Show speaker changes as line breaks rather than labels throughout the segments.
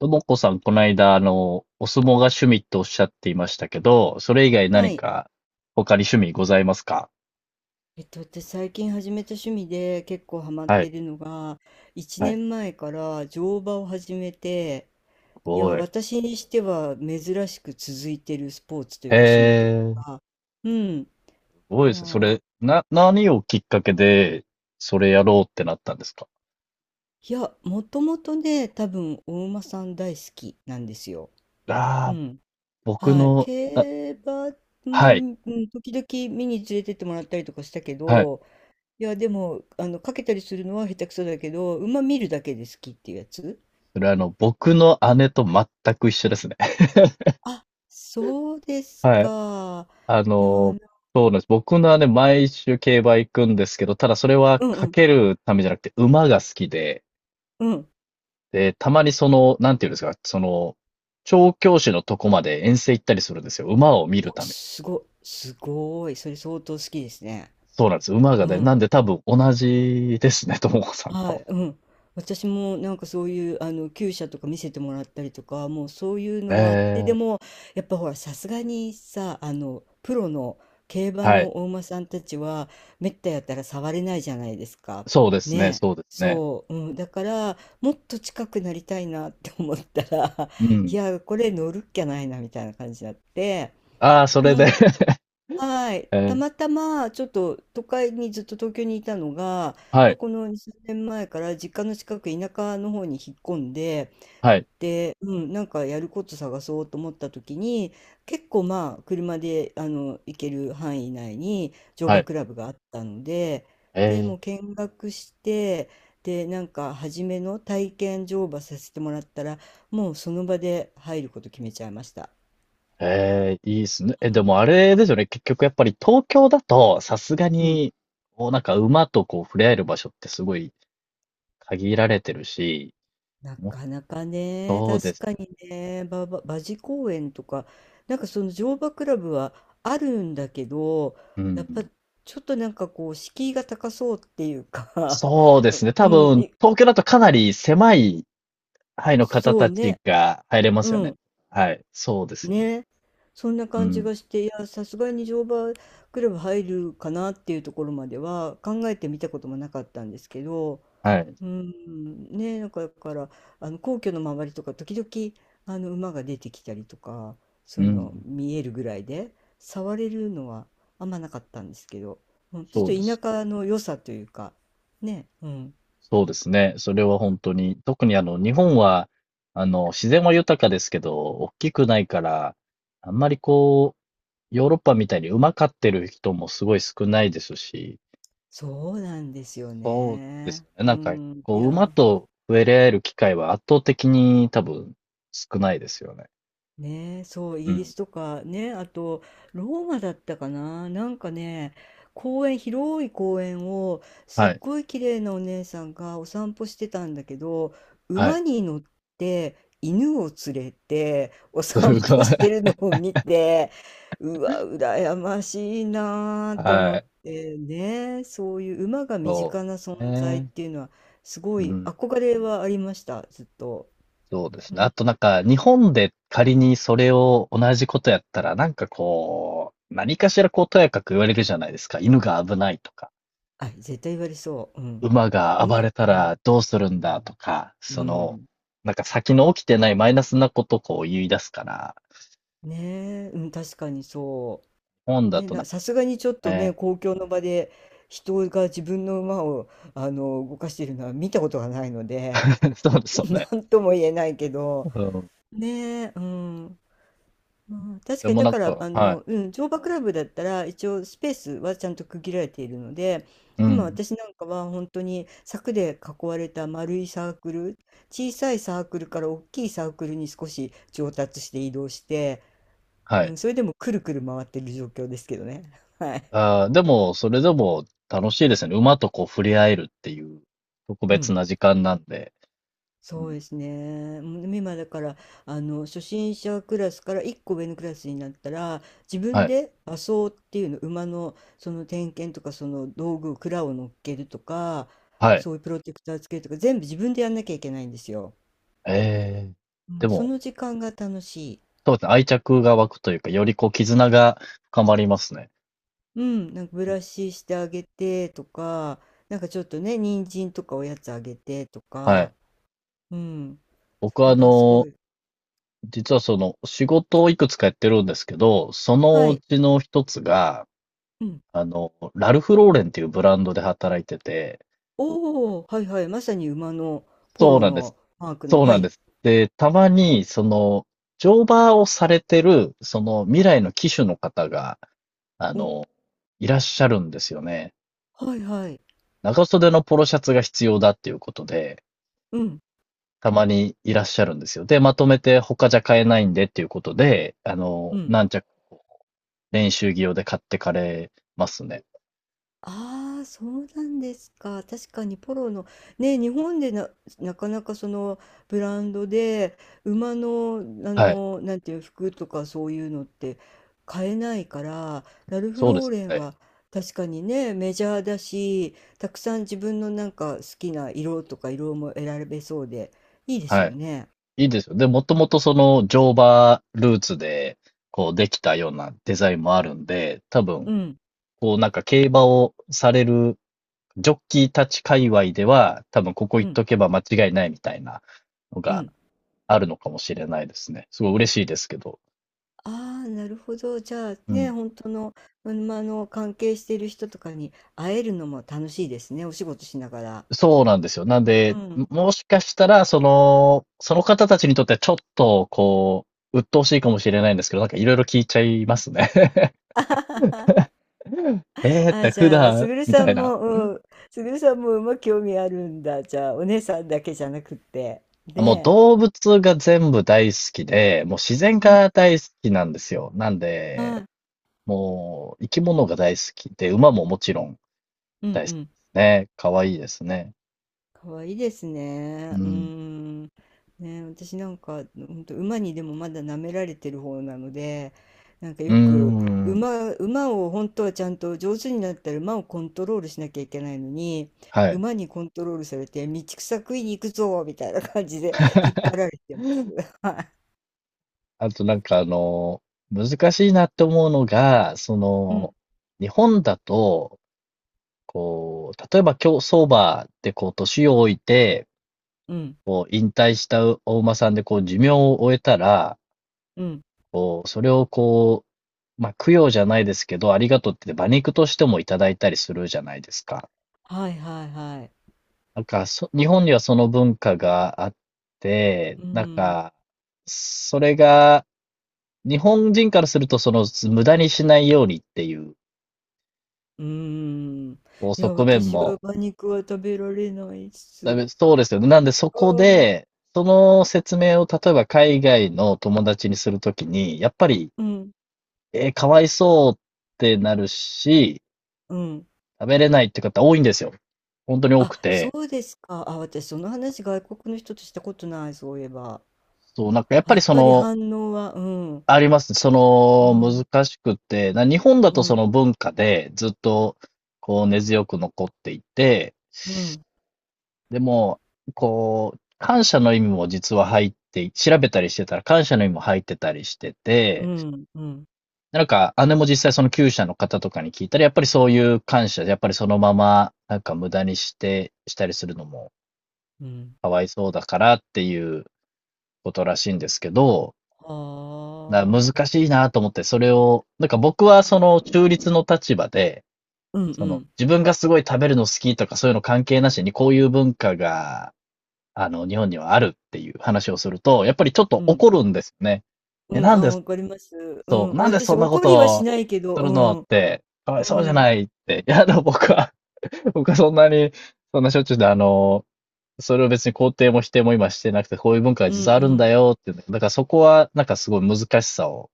ともこさん、この間、お相撲が趣味とおっしゃっていましたけど、それ以外
は
何
い。
か他に趣味ございますか？
私最近始めた趣味で結構ハマっ
は
て
い、
るのが、1
はい、す
年前から乗馬を始めて、いや、
ごい。
私にしては珍しく続いてるスポーツとい
へ
うか趣味という
え、
か、うん、
すごいですね。そ
まあ、
れ、な、何をきっかけで、それやろうってなったんですか？
いや、もともとね、多分お馬さん大好きなんですよ。
あ
う
あー、
ん。
僕
はい。
の、あ、
競馬
は
も、う
い、
ん、時々見に連れてってもらったりとかしたけ
はい。
ど、いや、でも、かけたりするのは下手くそだけど、馬見るだけで好きっていうやつ。
それ僕の姉と全く一緒ですね。
あ、そうです
はい。
か。
あ
いや、
の、そうなんです。僕の姉、毎週競馬行くんですけど、ただそれは
うんう
か
ん、
けるためじゃなくて、馬が好きで、
うん。
で、たまになんていうんですか、調教師のとこまで遠征行ったりするんですよ。馬を見る
お、
ため。
すごい。それ相当好きですね。
そうなんです。馬が
う
ね、なん
ん。
で多分同じですね、ともこさん
は
と。
い、うん。私もなんかそういうあの厩舎とか見せてもらったりとか、もうそういう
え
のもあって、で
ー、
もやっぱほらさすがにさ、あのプロの競馬
はい。
のお馬さんたちはめったやったら触れないじゃないですか。
そうですね、
ねえ。
そうですね。
そう、うん、だからもっと近くなりたいなって思ったら
う
い
ん。
やこれ乗るっきゃないなみたいな感じになって、
ああ、それで。
は い。た
えー、
またまちょっと都会にずっと東京にいたのが、
はい、
この2、3年前から実家の近く田舎の方に引っ込んで、
はい、
うん、なんかやること探そうと思った時に、結構まあ車で行ける範囲内に乗
は
馬
い。
クラブがあったので、でも
え
う見学して、で、なんか初めの体験乗馬させてもらったら、もうその場で入ること決めちゃいました。
ー、えー、いいですね。え、
う
で
ん。
もあれですよね。結局やっぱり東京だと、さすが
うん
に、こうなんか馬とこう触れ合える場所ってすごい限られてるし、
な
も
かなかね、
そうで
確
す
か
よね。
にね、馬事公園とか、なんかその乗馬クラブはあるんだけど、
う
や
ん。
っぱちょっとなんかこう、敷居が高そうっていうか
そうです ね。多
うん、
分、東京だとかなり狭い範囲の方
そう
たち
ね、
が入れます
う
よね。
ん、
はい。そうですよね。
ね、そんな
う
感じ
ん。
がして、いや、さすがに乗馬クラブ入るかなっていうところまでは考えてみたこともなかったんですけど、
はい。
うん、ね、なんかだから、あの皇居の周りとか時々あの馬が出てきたりとか、
う
そういうの
ん。
見えるぐらいで、触れるのはあんまなかったんですけど、うん、ちょっ
そ
と
うです。
田舎の良さというか、ね、うん、
そうですね。それは本当に。特に日本は、自然は豊かですけど、大きくないから、あんまりこう、ヨーロッパみたいに馬飼ってる人もすごい少ないですし、
そうなんですよ
そうです
ね。
よね。
う
なんか、
ん、い
こう、馬
や。
と触れ合える機会は圧倒的に多分少ないですよね。
ねえ、そう、イ
う
ギリ
ん。
スとかね、あとローマだったかな、なんかね、公園、広い公園をすっ
はい。
ごい綺麗なお姉さんがお散歩してたんだけど、
は
馬
い。
に乗って犬を連れてお 散
すご
歩
い。
してるのを見て、うわ、羨ましいなーって思
は
っ
い。
てね、そういう馬が身
そ
近な
うです
存在っ
ね。
ていうのはすご
う
い
ん、
憧れはありました、ずっと。
そうです
う
ね。あ
ん
となんか、日本で仮にそれを同じことやったら、なんかこう、何かしらこう、とやかく言われるじゃないですか。犬が危ないとか、
あ、絶対言われそう。うん。
馬が暴れた
うん、
らどうするんだとか、
うん。
なんか先の起きてないマイナスなことをこう言い出すから、
ねえ、うん、確かにそ
日本
う。
だ
ね、
となん
さ
か
すがにちょっとね、
ね。
公共の場で人が自分の馬を、動かしているのは見たことがないので、
そうですよね。
なんとも言えないけ
う
ど、
ん。
ねえ、うん。まあ、確
で
かに
も
だ
なん
から
か、はい。
うん、乗馬クラブだったら一応スペースはちゃんと区切られているので
う
今
ん。
私なんかは本当に柵で囲われた丸いサークル小さいサークルから大きいサークルに少し上達して移動して、
は
う
い。
ん、それでもくるくる回ってる状況ですけどね。はい、
ああ、でも、それでも楽しいですね。馬とこう触れ合えるっていう特
う
別
ん
な時間なんで。う
そう
ん、
ですね。もうでも今だから初心者クラスから1個上のクラスになったら自
は
分
い。
で馬装っていうの馬のその点検とかその道具を鞍を乗っけるとか
はい。
そういうプロテクターつけるとか全部自分でやんなきゃいけないんですよ。
ええ。
う
で
ん、そ
も、
の時間が楽しい。
そうですね、愛着が湧くというか、よりこう絆が深まりますね。
うん、なんかブ
うん、
ラシしてあげてとかなんかちょっとね人参とかおやつあげてと
はい。
か、うん、そ
僕は
れがすごい。
実はその仕事をいくつかやってるんですけど、その
は
う
い。
ちの一つが、
うん
ラルフローレンっていうブランドで働いてて
おお、はいはい、まさに馬のポ
そう
ロ
なんです。
のマークの、
そう
は
なんで
い。
す。で、たまに、乗馬をされてる、その未来の騎手の方が、あ
お、
の、いらっしゃるんですよね。
はいはい。
長袖のポロシャツが必要だっていうことで、
うん、
たまにいらっしゃるんですよ。で、まとめて他じゃ買えないんでっていうことで、
うん。
何着、練習着用で買ってかれますね。
ああ、そうなんですか。確かにポロの、ね、日本でなかなかそのブランドで馬の、
はい。
なんていう服とかそういうのって買えないから、ラルフ
そうで
ロー
す
レ
よ
ン
ね。
は確かにね、メジャーだし、たくさん自分のなんか好きな色とか色も選べそうで、いいです
は
よ
い。
ね。
いいですよ。で、もともとその乗馬ルーツで、こうできたようなデザインもあるんで、多分、
うん、
こうなんか競馬をされるジョッキーたち界隈では、多分ここ
う
行っ
ん、
とけば間違いないみたいなの
う
が
ん。
あるのかもしれないですね。すごい嬉しいですけど。
ああ、なるほど。じゃあ
う
ね、
ん。
本当の、うん、ま、関係している人とかに会えるのも楽しいですね、お仕事しながら。
そうなんですよ。なん
う
で、
ん。
もしかしたら、その、その方たちにとってはちょっと、こう、鬱陶しいかもしれないんですけど、なんかいろいろ聞いちゃいますね。
あははは
えーっ
あ、
て
じ
普
ゃあ、す
段、
ぐる
み
さ
たい
ん
な。
も、うん、すぐるさんも馬興味あるんだ。じゃあ、お姉さんだけじゃなくって。
もう
ね
動物が全部大好きで、もう自
え。
然
う
が
ん。
大好きなんですよ。なん
は
で、
い。
もう生き物が大好きで、馬ももちろん
う
大
ん
好き
う
で
ん。
すね。可愛いですね。
可愛いです
う
ね。うー
ん。
ん。ね、私なんか、本当馬にでもまだ舐められてる方なので、なんか
うー
よく
ん。
馬を本当はちゃんと上手になったら馬をコントロールしなきゃいけないのに、
はい。
馬にコントロールされて、道草食いに行くぞみたいな感じで引っ張られてます。は
あとなんか難しいなって思うのが、
い。うん、
日本だと、こう、例えば競走馬でこう、年を置いて、
うん、
こう、引退したお馬さんでこう、寿命を終えたら、
うん。
こう、それをこう、まあ、供養じゃないですけど、ありがとうって馬肉としてもいただいたりするじゃないですか。
はいはいはい。
なんか、そ、日本にはその文化があって、
う
なん
ん、
か、それが、日本人からすると、無駄にしないようにっていう、
うーん。
こう、
いや、
側面
私は
も、
馬肉は食べられないっ
だめ
す。
そうですよね。なんで、そこ
うん、
で、その説明を、例えば海外の友達にするときに、やっぱり、
うん、
えーかわいそうってなるし、
うん。
食べれないって方多いんですよ。本当に多
あ、
く
そ
て。
うですか。あ、私その話外国の人としたことない、そういえば。
そう、なんかやっ
あ、
ぱ
や
り
っ
そ
ぱり
の、
反応は、うん、
ありますね。そ
う
の、
ん、
難しくて、な日本だ
う
とそ
ん、
の文化でずっと、こう根強く残っていて、
うん、
でも、こう、感謝の意味も実は入って調べたりしてたら感謝の意味も入ってたりして
う
て、
ん、うん、
なんか姉も実際そのきゅうしゃの方とかに聞いたら、やっぱりそういう感謝、やっぱりそのまま、なんか無駄にしてしたりするのも
うん。
かわいそうだからっていうことらしいんですけどだから
は
難
あ。
しいなと思って、それを、なんか僕は
い
そ
や、
の中立の立場で、
うん、う
その
ん、
自分がすごい食べるの好きとかそういうの関係なしにこういう文化が、日本にはあるっていう話をすると、やっぱりちょっ
う
と
ん、
怒るんですよね。え、
うん、
なん
あ、
で、
わかります。う
そう、
ん、
なんで
私
そんなこ
怒りはし
と
ないけど、
するのっ
うん、
て、かわいそうじゃ
うん、
ないって。いや、でも僕は、僕はそんなに、そんなしょっちゅうで、それを別に肯定も否定も今してなくて、こういう文化が
うん、う
実はあるん
ん。
だよっていうの。だからそこは、なんかすごい難しさを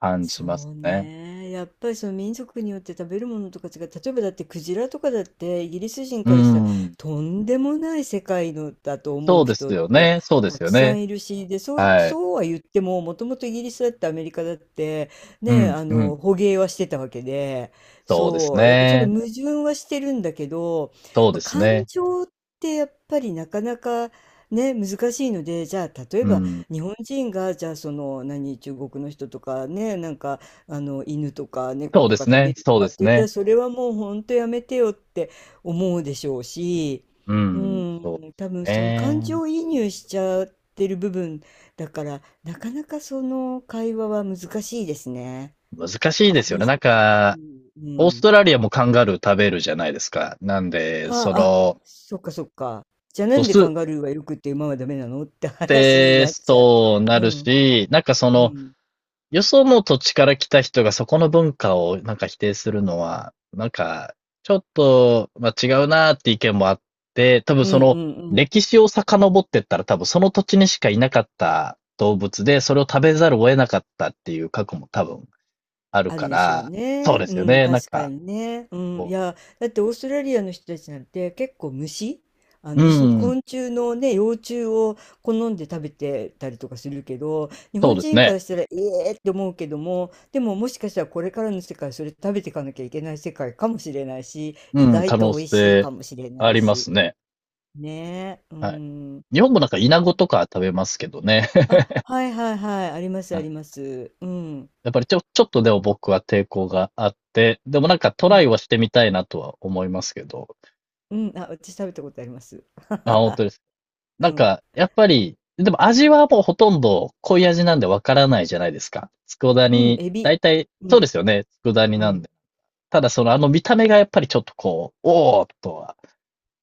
感じ
そ
ます
う
ね。
ね。やっぱりその民族によって食べるものとか違う。例えばだってクジラとかだってイギリス人
うー
からしたら
ん。
とんでもない世界のだと
そ
思
う
う
です
人っ
よ
て
ね。そうで
た
す
く
よ
さ
ね。
んいるし、で、そう、
はい。
そうは言ってももともとイギリスだってアメリカだって
う
ね、
ん、
あ
う
の
ん。
捕鯨はしてたわけで、
そうです
そう、だからちょっと
ね。
矛盾はしてるんだけど、
そう
ま
で
あ、
す
感
ね。
情ってやっぱりなかなかね、難しいので、じゃあ例え
う
ば
ん。
日本人がじゃあその何中国の人とかねなんかあの犬とか猫
そう
と
で
か
す
食
ね。
べる
そう
とか
で
って
す
言った
ね。
らそれはもうほんとやめてよって思うでしょうし、
う
う
ん。そうで
ん、多
す
分その感
ね。
情移入しちゃってる部分だからなかなかその会話は難しいですね。
難しいですよ
厳
ね。
し
なん
い、厳し
か、
い。
オー
う
ス
ん。
トラリアもカンガルー食べるじゃないですか。なんで、
ああ、そっかそっか。じゃあな
ド
んで
ス
カ
っ
ンガルーはよくって馬はダメなのって話に
て
なっちゃ
そうな
う。う
る
ん、
し、なんかそ
う
の、
ん、
よその土地から来た人がそこの文化をなんか否定するのは、なんか、ちょっと、まあ、違うなーって意見もあって、多分
う
そ
ん、う
の
ん、うん。
歴史を遡ってったら多分その土地にしかいなかった動物で、それを食べざるを得なかったっていう過去も多分ある
ある
か
でしょう
ら、そう
ね。
ですよ
うん、
ね。なん
確か
か、
にね。うん、い
こ
や、だってオーストラリアの人たちなんて結構虫、あ
う、
の
う
虫、
ん、
昆虫のね、幼虫を好んで食べてたりとかするけど、日
そう
本
です
人か
ね。
らしたら、ええって思うけども、でももしかしたらこれからの世界、それ食べていかなきゃいけない世界かもしれないし、意
うん、可
外と
能
美味しい
性
かもしれ
あ
ない
りま
し。
すね。
ねえ、う
はい。
ん。ね
日本もなんかイナゴとか食べますけどね。
あ、はいはいはい、ありますあります。うん、
やっぱりちょっとでも僕は抵抗があって、でもなんかト
う
ラ
ん、
イはしてみたいなとは思いますけど。
うん、あ、私食べたことあります。
あ、本当です。
う
なん
ん。
か、やっぱり、でも味はもうほとんど濃い味なんでわからないじゃないですか。佃
うん、
煮、
エビ。
大体、
う
そうで
ん、
すよね。佃煮
う
なん
ん。
で。ただそのあの見た目がやっぱりちょっとこう、おーっとは。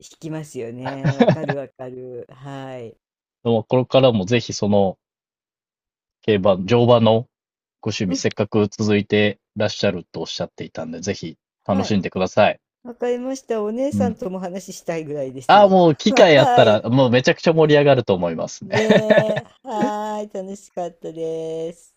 引きますよね。わかるわかる。はい。
でもこれからもぜひその競馬、乗馬のご趣
う
味
ん、
せっかく続いてらっしゃるとおっしゃっていたんで、ぜひ楽
は
し
い。
んでください。
わかりました。お姉
う
さん
ん。
とも話したいぐらいで
ああ、
す。
もう機 会あっ
は
た
い。
ら、もうめちゃくちゃ盛り上がると思いますね
ねえ。はーい。楽しかったです。